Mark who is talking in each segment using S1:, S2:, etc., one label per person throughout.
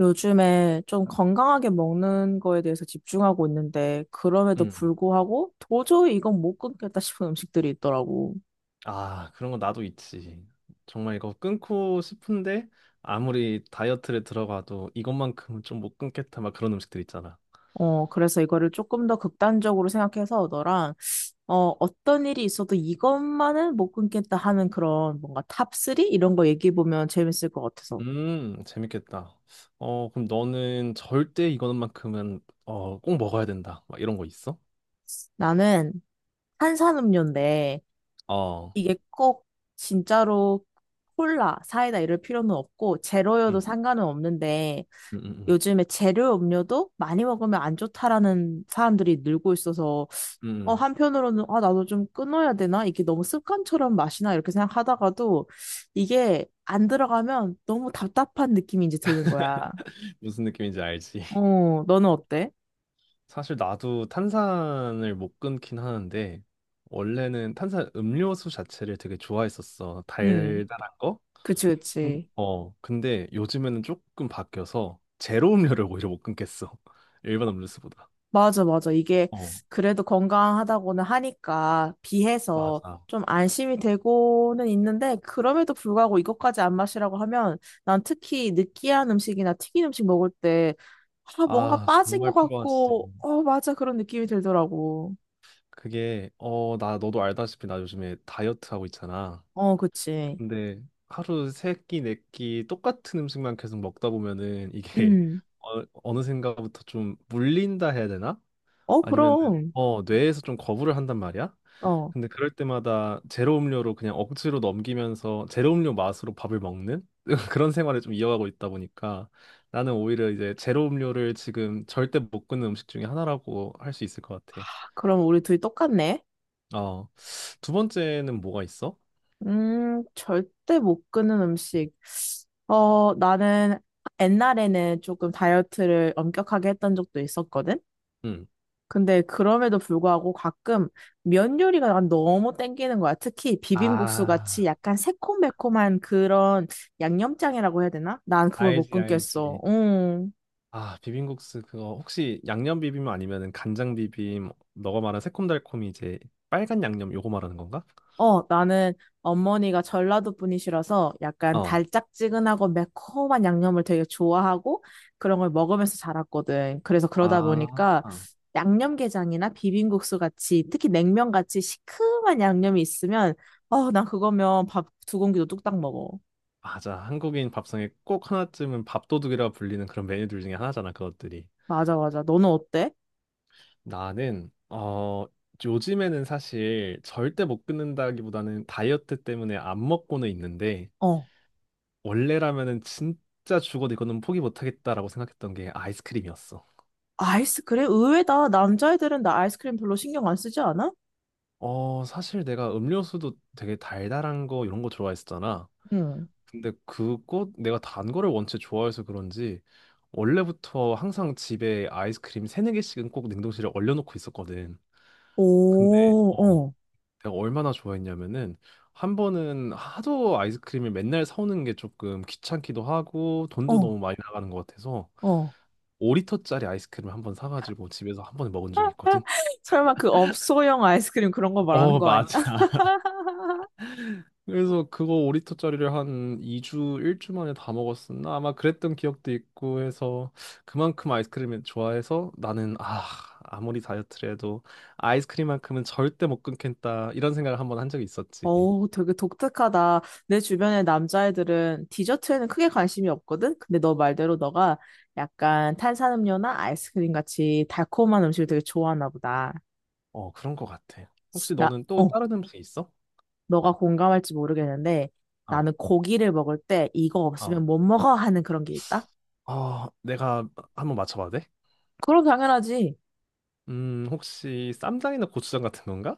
S1: 요즘에 좀 건강하게 먹는 거에 대해서 집중하고 있는데, 그럼에도
S2: 음.
S1: 불구하고 도저히 이건 못 끊겠다 싶은 음식들이 있더라고.
S2: 아, 그런 거 나도 있지. 정말 이거 끊고 싶은데 아무리 다이어트를 들어가도 이것만큼은 좀 못 끊겠다 막 그런 음식들 있잖아.
S1: 그래서 이거를 조금 더 극단적으로 생각해서 어떤 일이 있어도 이것만은 못 끊겠다 하는 그런 뭔가 탑3? 이런 거 얘기해보면 재밌을 것 같아서.
S2: 재밌겠다. 어, 그럼 너는 절대 이거만큼은 꼭 먹어야 된다. 막 이런 거 있어?
S1: 나는 탄산음료인데,
S2: 어.
S1: 이게 꼭 진짜로 콜라, 사이다 이럴 필요는 없고, 제로여도
S2: 응.
S1: 상관은 없는데,
S2: 응, 응, 응,
S1: 요즘에 재료 음료도 많이 먹으면 안 좋다라는 사람들이 늘고 있어서
S2: 응.
S1: 한편으로는 아 나도 좀 끊어야 되나 이게 너무 습관처럼 마시나 이렇게 생각하다가도 이게 안 들어가면 너무 답답한 느낌이 이제 드는 거야.
S2: 무슨 느낌인지 알지?
S1: 어, 너는 어때?
S2: 사실 나도 탄산을 못 끊긴 하는데 원래는 탄산 음료수 자체를 되게 좋아했었어.
S1: 음,
S2: 달달한 거?
S1: 그치 그치.
S2: 근데 요즘에는 조금 바뀌어서 제로 음료를 오히려 못 끊겠어. 일반 음료수보다.
S1: 맞아, 맞아. 이게
S2: 어,
S1: 그래도 건강하다고는 하니까 비해서
S2: 맞아.
S1: 좀 안심이 되고는 있는데, 그럼에도 불구하고 이것까지 안 마시라고 하면, 난 특히 느끼한 음식이나 튀긴 음식 먹을 때, 뭔가
S2: 아,
S1: 빠진 것
S2: 정말 필요하지.
S1: 같고, 어, 맞아. 그런 느낌이 들더라고.
S2: 그게, 너도 알다시피 나 요즘에 다이어트 하고 있잖아.
S1: 어, 그치.
S2: 근데 하루 세 끼, 네끼 똑같은 음식만 계속 먹다 보면은 이게
S1: 음.
S2: 어느샌가부터 좀 물린다 해야 되나?
S1: 어,
S2: 아니면
S1: 그럼.
S2: 뇌에서 좀 거부를 한단 말이야.
S1: 어.
S2: 근데 그럴 때마다 제로 음료로 그냥 억지로 넘기면서 제로 음료 맛으로 밥을 먹는 그런 생활을 좀 이어가고 있다 보니까 나는 오히려 이제 제로 음료를 지금 절대 못 끊는 음식 중에 하나라고 할 수 있을 것 같아.
S1: 그럼 우리 둘이 똑같네.
S2: 어, 두 번째는 뭐가 있어?
S1: 절대 못 끊는 음식. 어, 나는 옛날에는 조금 다이어트를 엄격하게 했던 적도 있었거든?
S2: 응.
S1: 근데 그럼에도 불구하고 가끔 면 요리가 난 너무 땡기는 거야. 특히 비빔국수 같이
S2: 아,
S1: 약간 새콤매콤한 그런 양념장이라고 해야 되나? 난 그걸 못
S2: 알지,
S1: 끊겠어.
S2: 알지.
S1: 응.
S2: 아, 비빔국수 그거 혹시 양념 비빔 아니면은 간장 비빔 너가 말한 새콤달콤이 이제 빨간 양념 요거 말하는 건가?
S1: 어, 나는 어머니가 전라도 분이시라서 약간
S2: 어.
S1: 달짝지근하고 매콤한 양념을 되게 좋아하고 그런 걸 먹으면서 자랐거든. 그래서 그러다
S2: 아,
S1: 보니까
S2: 아,
S1: 양념게장이나 비빔국수 같이 특히 냉면 같이 시큼한 양념이 있으면 난 그거면 밥 두 공기도 뚝딱 먹어.
S2: 맞아. 한국인 밥상에 꼭 하나쯤은 밥도둑이라 불리는 그런 메뉴들 중에 하나잖아, 그것들이.
S1: 맞아, 맞아. 너는 어때?
S2: 나는, 요즘에는 사실 절대 못 끊는다기보다는 다이어트 때문에 안 먹고는 있는데,
S1: 어.
S2: 원래라면은 진짜 죽어도 이거는 포기 못 하겠다라고 생각했던 게 아이스크림이었어.
S1: 아이스크림? 의외다. 남자애들은 나 아이스크림 별로 신경 안 쓰지 않아?
S2: 어, 사실 내가 음료수도 되게 달달한 거 이런 거 좋아했었잖아.
S1: 응.
S2: 근데 그거 내가 단 거를 원체 좋아해서 그런지 원래부터 항상 집에 아이스크림 세네 개씩은 꼭 냉동실에 얼려놓고 있었거든. 근데
S1: 오,
S2: 어,
S1: 어,
S2: 내가 얼마나 좋아했냐면은 한 번은 하도 아이스크림을 맨날 사오는 게 조금 귀찮기도 하고 돈도
S1: 어,
S2: 너무 많이 나가는 것 같아서
S1: 어.
S2: 5리터짜리 아이스크림 한번 사가지고 집에서 한 번에 먹은 적이 있거든.
S1: 설마 그 업소형 아이스크림 그런 거 말하는
S2: 어,
S1: 거 아니야?
S2: 맞아. 그래서 그거 5리터짜리를 한 2주, 1주 만에 다 먹었었나? 아마 그랬던 기억도 있고 해서 그만큼 아이스크림을 좋아해서 나는 아, 아무리 다이어트를 해도 아이스크림만큼은 절대 못 끊겠다. 이런 생각을 한번 한 적이 있었지.
S1: 어우, 되게 독특하다. 내 주변의 남자애들은 디저트에는 크게 관심이 없거든? 근데 너 말대로 너가 약간 탄산음료나 아이스크림 같이 달콤한 음식을 되게 좋아하나 보다.
S2: 어, 그런 거 같아. 혹시
S1: 나,
S2: 너는 또
S1: 어,
S2: 다른 음식 있어?
S1: 너가 공감할지 모르겠는데
S2: 아,
S1: 나는 고기를 먹을 때 이거
S2: 어.
S1: 없으면 못 먹어 하는 그런 게 있다?
S2: 어, 내가 한번 맞춰봐도 돼?
S1: 그럼 당연하지.
S2: 혹시 쌈장이나 고추장 같은 건가?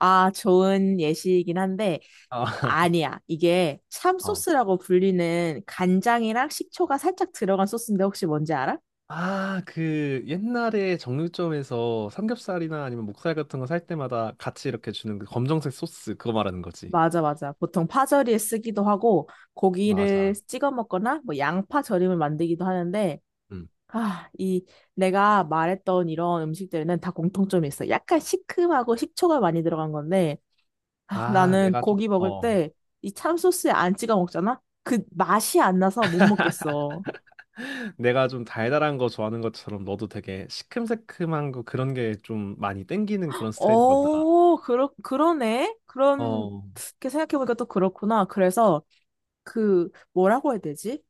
S1: 아, 좋은 예시이긴 한데
S2: 아,
S1: 아니야. 이게 참 소스라고 불리는 간장이랑 식초가 살짝 들어간 소스인데 혹시 뭔지 알아?
S2: 아, 그 옛날에 정육점에서 삼겹살이나 아니면 목살 같은 거 살 때마다 같이 이렇게 주는 그 검정색 소스 그거 말하는 거지.
S1: 맞아, 맞아. 보통 파절이에 쓰기도 하고 고기를
S2: 맞아.
S1: 찍어 먹거나 뭐 양파 절임을 만들기도 하는데
S2: 음.
S1: 아, 이 내가 말했던 이런 음식들은 다 공통점이 있어. 약간 시큼하고 식초가 많이 들어간 건데 아,
S2: 아,
S1: 나는
S2: 내가 좀
S1: 고기 먹을
S2: 어.
S1: 때 이 참소스에 안 찍어 먹잖아? 그 맛이 안 나서 못 먹겠어.
S2: 내가 좀 달달한 거 좋아하는 것처럼 너도 되게 시큼새큼한 거 그런 게 좀 많이 땡기는 그런 스타일인가 보다.
S1: 그러네.
S2: 어.
S1: 이렇게 생각해보니까 또 그렇구나. 그래서 뭐라고 해야 되지?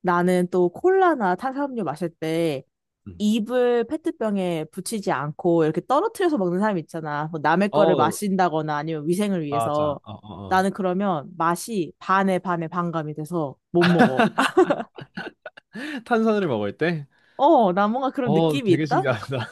S1: 나는 또 콜라나 탄산음료 마실 때
S2: 음.
S1: 입을 페트병에 붙이지 않고 이렇게 떨어뜨려서 먹는 사람 있잖아. 뭐 남의 거를
S2: 어,
S1: 마신다거나 아니면 위생을
S2: 맞아.
S1: 위해서.
S2: 어, 어, 어.
S1: 나는 그러면 맛이 반에 반에 반감이 돼서 못 먹어.
S2: 탄산을 먹을 때?
S1: 어, 나 뭔가 그런
S2: 어,
S1: 느낌이
S2: 되게
S1: 있다?
S2: 신기하다.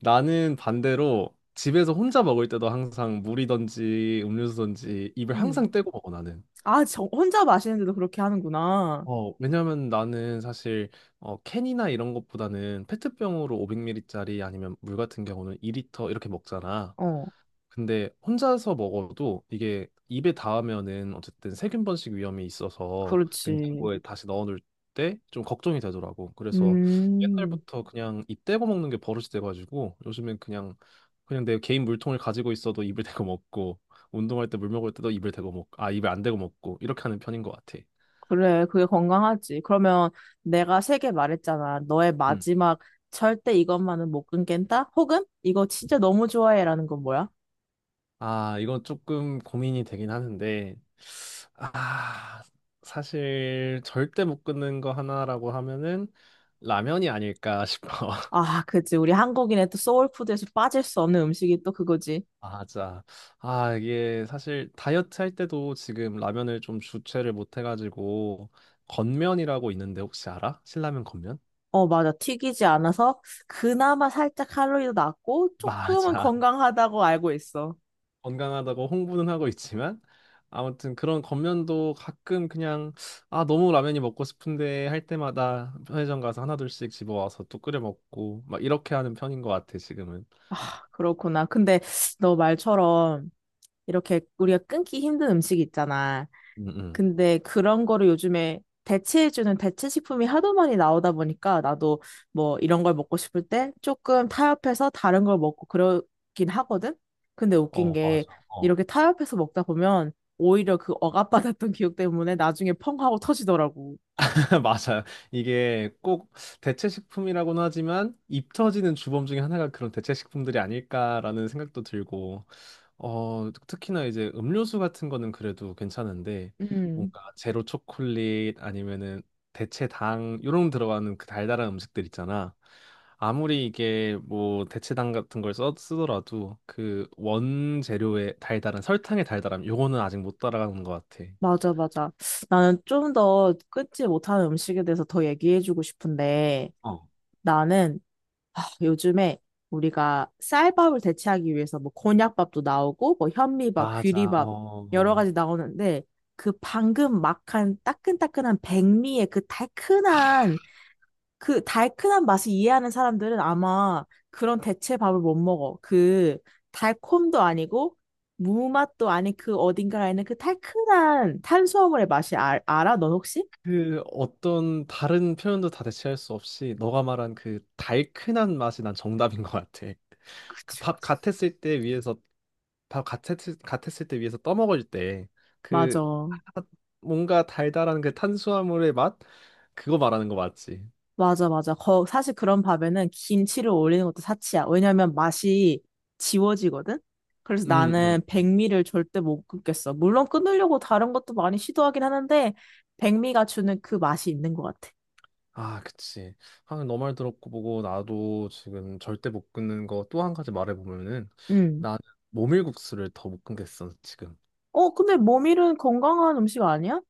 S2: 나는 반대로 집에서 혼자 먹을 때도 항상 물이든지 음료수든지 입을
S1: 음.
S2: 항상 떼고 먹어 나는.
S1: 아, 저 혼자 마시는데도 그렇게 하는구나.
S2: 어, 왜냐면 나는 사실 캔이나 이런 것보다는 페트병으로 500ml짜리 아니면 물 같은 경우는 2리터 이렇게 먹잖아.
S1: 어,
S2: 근데 혼자서 먹어도 이게 입에 닿으면은 어쨌든 세균 번식 위험이 있어서
S1: 그렇지.
S2: 냉장고에 다시 넣어놓을 때 좀 걱정이 되더라고. 그래서
S1: 음.
S2: 옛날부터 그냥 입 대고 먹는 게 버릇이 돼가지고 요즘엔 그냥 내 개인 물통을 가지고 있어도 입을 대고 먹고 운동할 때 물 먹을 때도 입을 대고 먹고 아 입에 안 대고 먹고 이렇게 하는 편인 것 같아.
S1: 그래, 그게 건강하지. 그러면 내가 세 개 말했잖아. 너의
S2: 음.
S1: 마지막 절대 이것만은 못 끊겠다? 혹은 이거 진짜 너무 좋아해라는 건 뭐야?
S2: 아, 이건 조금 고민이 되긴 하는데, 아, 사실 절대 못 끊는 거 하나라고 하면은 라면이 아닐까 싶어.
S1: 아, 그치. 우리 한국인의 또 소울푸드에서 빠질 수 없는 음식이 또 그거지.
S2: 맞아. 아, 이게 사실 다이어트 할 때도 지금 라면을 좀 주체를 못 해가지고, 건면이라고 있는데 혹시 알아? 신라면 건면?
S1: 어, 맞아. 튀기지 않아서 그나마 살짝 칼로리도 낮고 조금은
S2: 맞아.
S1: 건강하다고 알고 있어.
S2: 건강하다고 홍보는 하고 있지만 아무튼 그런 겉면도 가끔 그냥 아 너무 라면이 먹고 싶은데 할 때마다 편의점 가서 하나둘씩 집어와서 또 끓여 먹고 막 이렇게 하는 편인 것 같아 지금은.
S1: 아, 그렇구나. 근데 너 말처럼 이렇게 우리가 끊기 힘든 음식 있잖아.
S2: 음, 음.
S1: 근데 그런 거를 요즘에 대체해주는 대체 식품이 하도 많이 나오다 보니까 나도 뭐 이런 걸 먹고 싶을 때 조금 타협해서 다른 걸 먹고 그러긴 하거든? 근데 웃긴
S2: 어,
S1: 게
S2: 맞아. 어.
S1: 이렇게 타협해서 먹다 보면 오히려 그 억압받았던 기억 때문에 나중에 펑 하고 터지더라고.
S2: 맞아. 이게 꼭 대체 식품이라고는 하지만 입 터지는 주범 중에 하나가 그런 대체 식품들이 아닐까라는 생각도 들고 특히나 이제 음료수 같은 거는 그래도 괜찮은데
S1: 음,
S2: 뭔가 제로 초콜릿 아니면은 대체 당 요런 들어가는 그 달달한 음식들 있잖아. 아무리 이게 뭐 대체당 같은 걸 쓰더라도 그 원재료의 달달한 설탕의 달달함 요거는 아직 못 따라가는 것 같아.
S1: 맞아, 맞아. 나는 좀 더 끊지 못하는 음식에 대해서 더 얘기해주고 싶은데
S2: 어.
S1: 나는 요즘에 우리가 쌀밥을 대체하기 위해서 뭐 곤약밥도 나오고 뭐 현미밥,
S2: 맞아.
S1: 귀리밥
S2: 어.
S1: 여러
S2: 어.
S1: 가지 나오는데 그 방금 막한 따끈따끈한 백미의 그
S2: 아,
S1: 달큰한 그 달큰한 맛을 이해하는 사람들은 아마 그런 대체 밥을 못 먹어. 그 달콤도 아니고 무맛도 아닌 그 어딘가에 있는 그 달큰한 탄수화물의 맛이 알아? 넌 혹시?
S2: 그 어떤 다른 표현도 다 대체할 수 없이 너가 말한 그 달큰한 맛이 난 정답인 것 같아. 그
S1: 그치,
S2: 밥
S1: 그치.
S2: 같았을 때 위에서 바로 같았을 때 위에서 떠먹을 때 그
S1: 맞아.
S2: 뭔가 달달한 그 탄수화물의 맛 그거 말하는 거 맞지?
S1: 맞아, 맞아. 사실 그런 밥에는 김치를 올리는 것도 사치야. 왜냐면 맛이 지워지거든? 그래서
S2: 음,
S1: 나는
S2: 음.
S1: 백미를 절대 못 끊겠어. 물론 끊으려고 다른 것도 많이 시도하긴 하는데, 백미가 주는 그 맛이 있는 것 같아.
S2: 아, 그치. 아, 너말 들었고 보고 나도 지금 절대 못 끊는 거 또 한 가지 말해보면은
S1: 음.
S2: 나는 모밀국수를 더 못 끊겠어 지금.
S1: 어, 근데 모밀은 건강한 음식 아니야?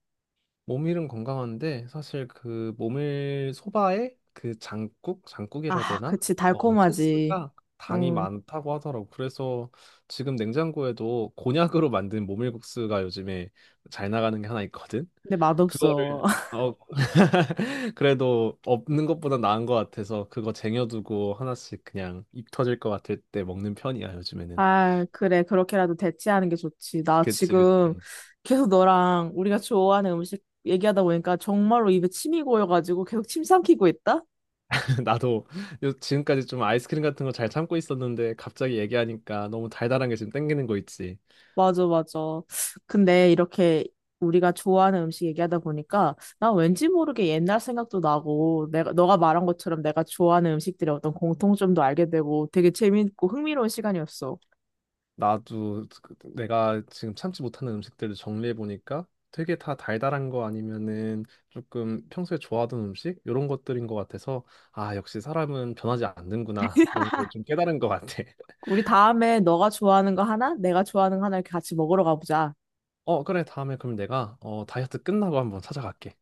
S2: 모밀은 건강한데 사실 그 모밀 소바에 그 장국이라 해야
S1: 아,
S2: 되나?
S1: 그치.
S2: 어 그
S1: 달콤하지.
S2: 소스가 당이
S1: 음.
S2: 많다고 하더라고. 그래서 지금 냉장고에도 곤약으로 만든 모밀국수가 요즘에 잘 나가는 게 하나 있거든.
S1: 근데
S2: 그거를
S1: 맛없어.
S2: 어 그래도 없는 것보다 나은 것 같아서 그거 쟁여두고 하나씩 그냥 입 터질 것 같을 때 먹는 편이야 요즘에는.
S1: 아, 그래. 그렇게라도 대체하는 게 좋지. 나
S2: 그치, 그치.
S1: 지금 계속 너랑 우리가 좋아하는 음식 얘기하다 보니까 정말로 입에 침이 고여가지고 계속 침 삼키고 있다?
S2: 나도 지금까지 좀 아이스크림 같은 거 잘 참고 있었는데 갑자기 얘기하니까 너무 달달한 게 지금 땡기는 거 있지.
S1: 맞아, 맞아. 근데 이렇게 우리가 좋아하는 음식 얘기하다 보니까 난 왠지 모르게 옛날 생각도 나고 너가 말한 것처럼 내가 좋아하는 음식들의 어떤 공통점도 알게 되고 되게 재밌고 흥미로운 시간이었어.
S2: 나도 내가 지금 참지 못하는 음식들을 정리해 보니까 되게 다 달달한 거 아니면은 조금 평소에 좋아하던 음식 이런 것들인 것 같아서 아 역시 사람은 변하지 않는구나 이런 걸 좀 깨달은 것 같아.
S1: 우리 다음에 너가 좋아하는 거 하나, 내가 좋아하는 거 하나 이렇게 같이 먹으러 가보자.
S2: 어 그래, 다음에 그럼 내가 다이어트 끝나고 한번 찾아갈게.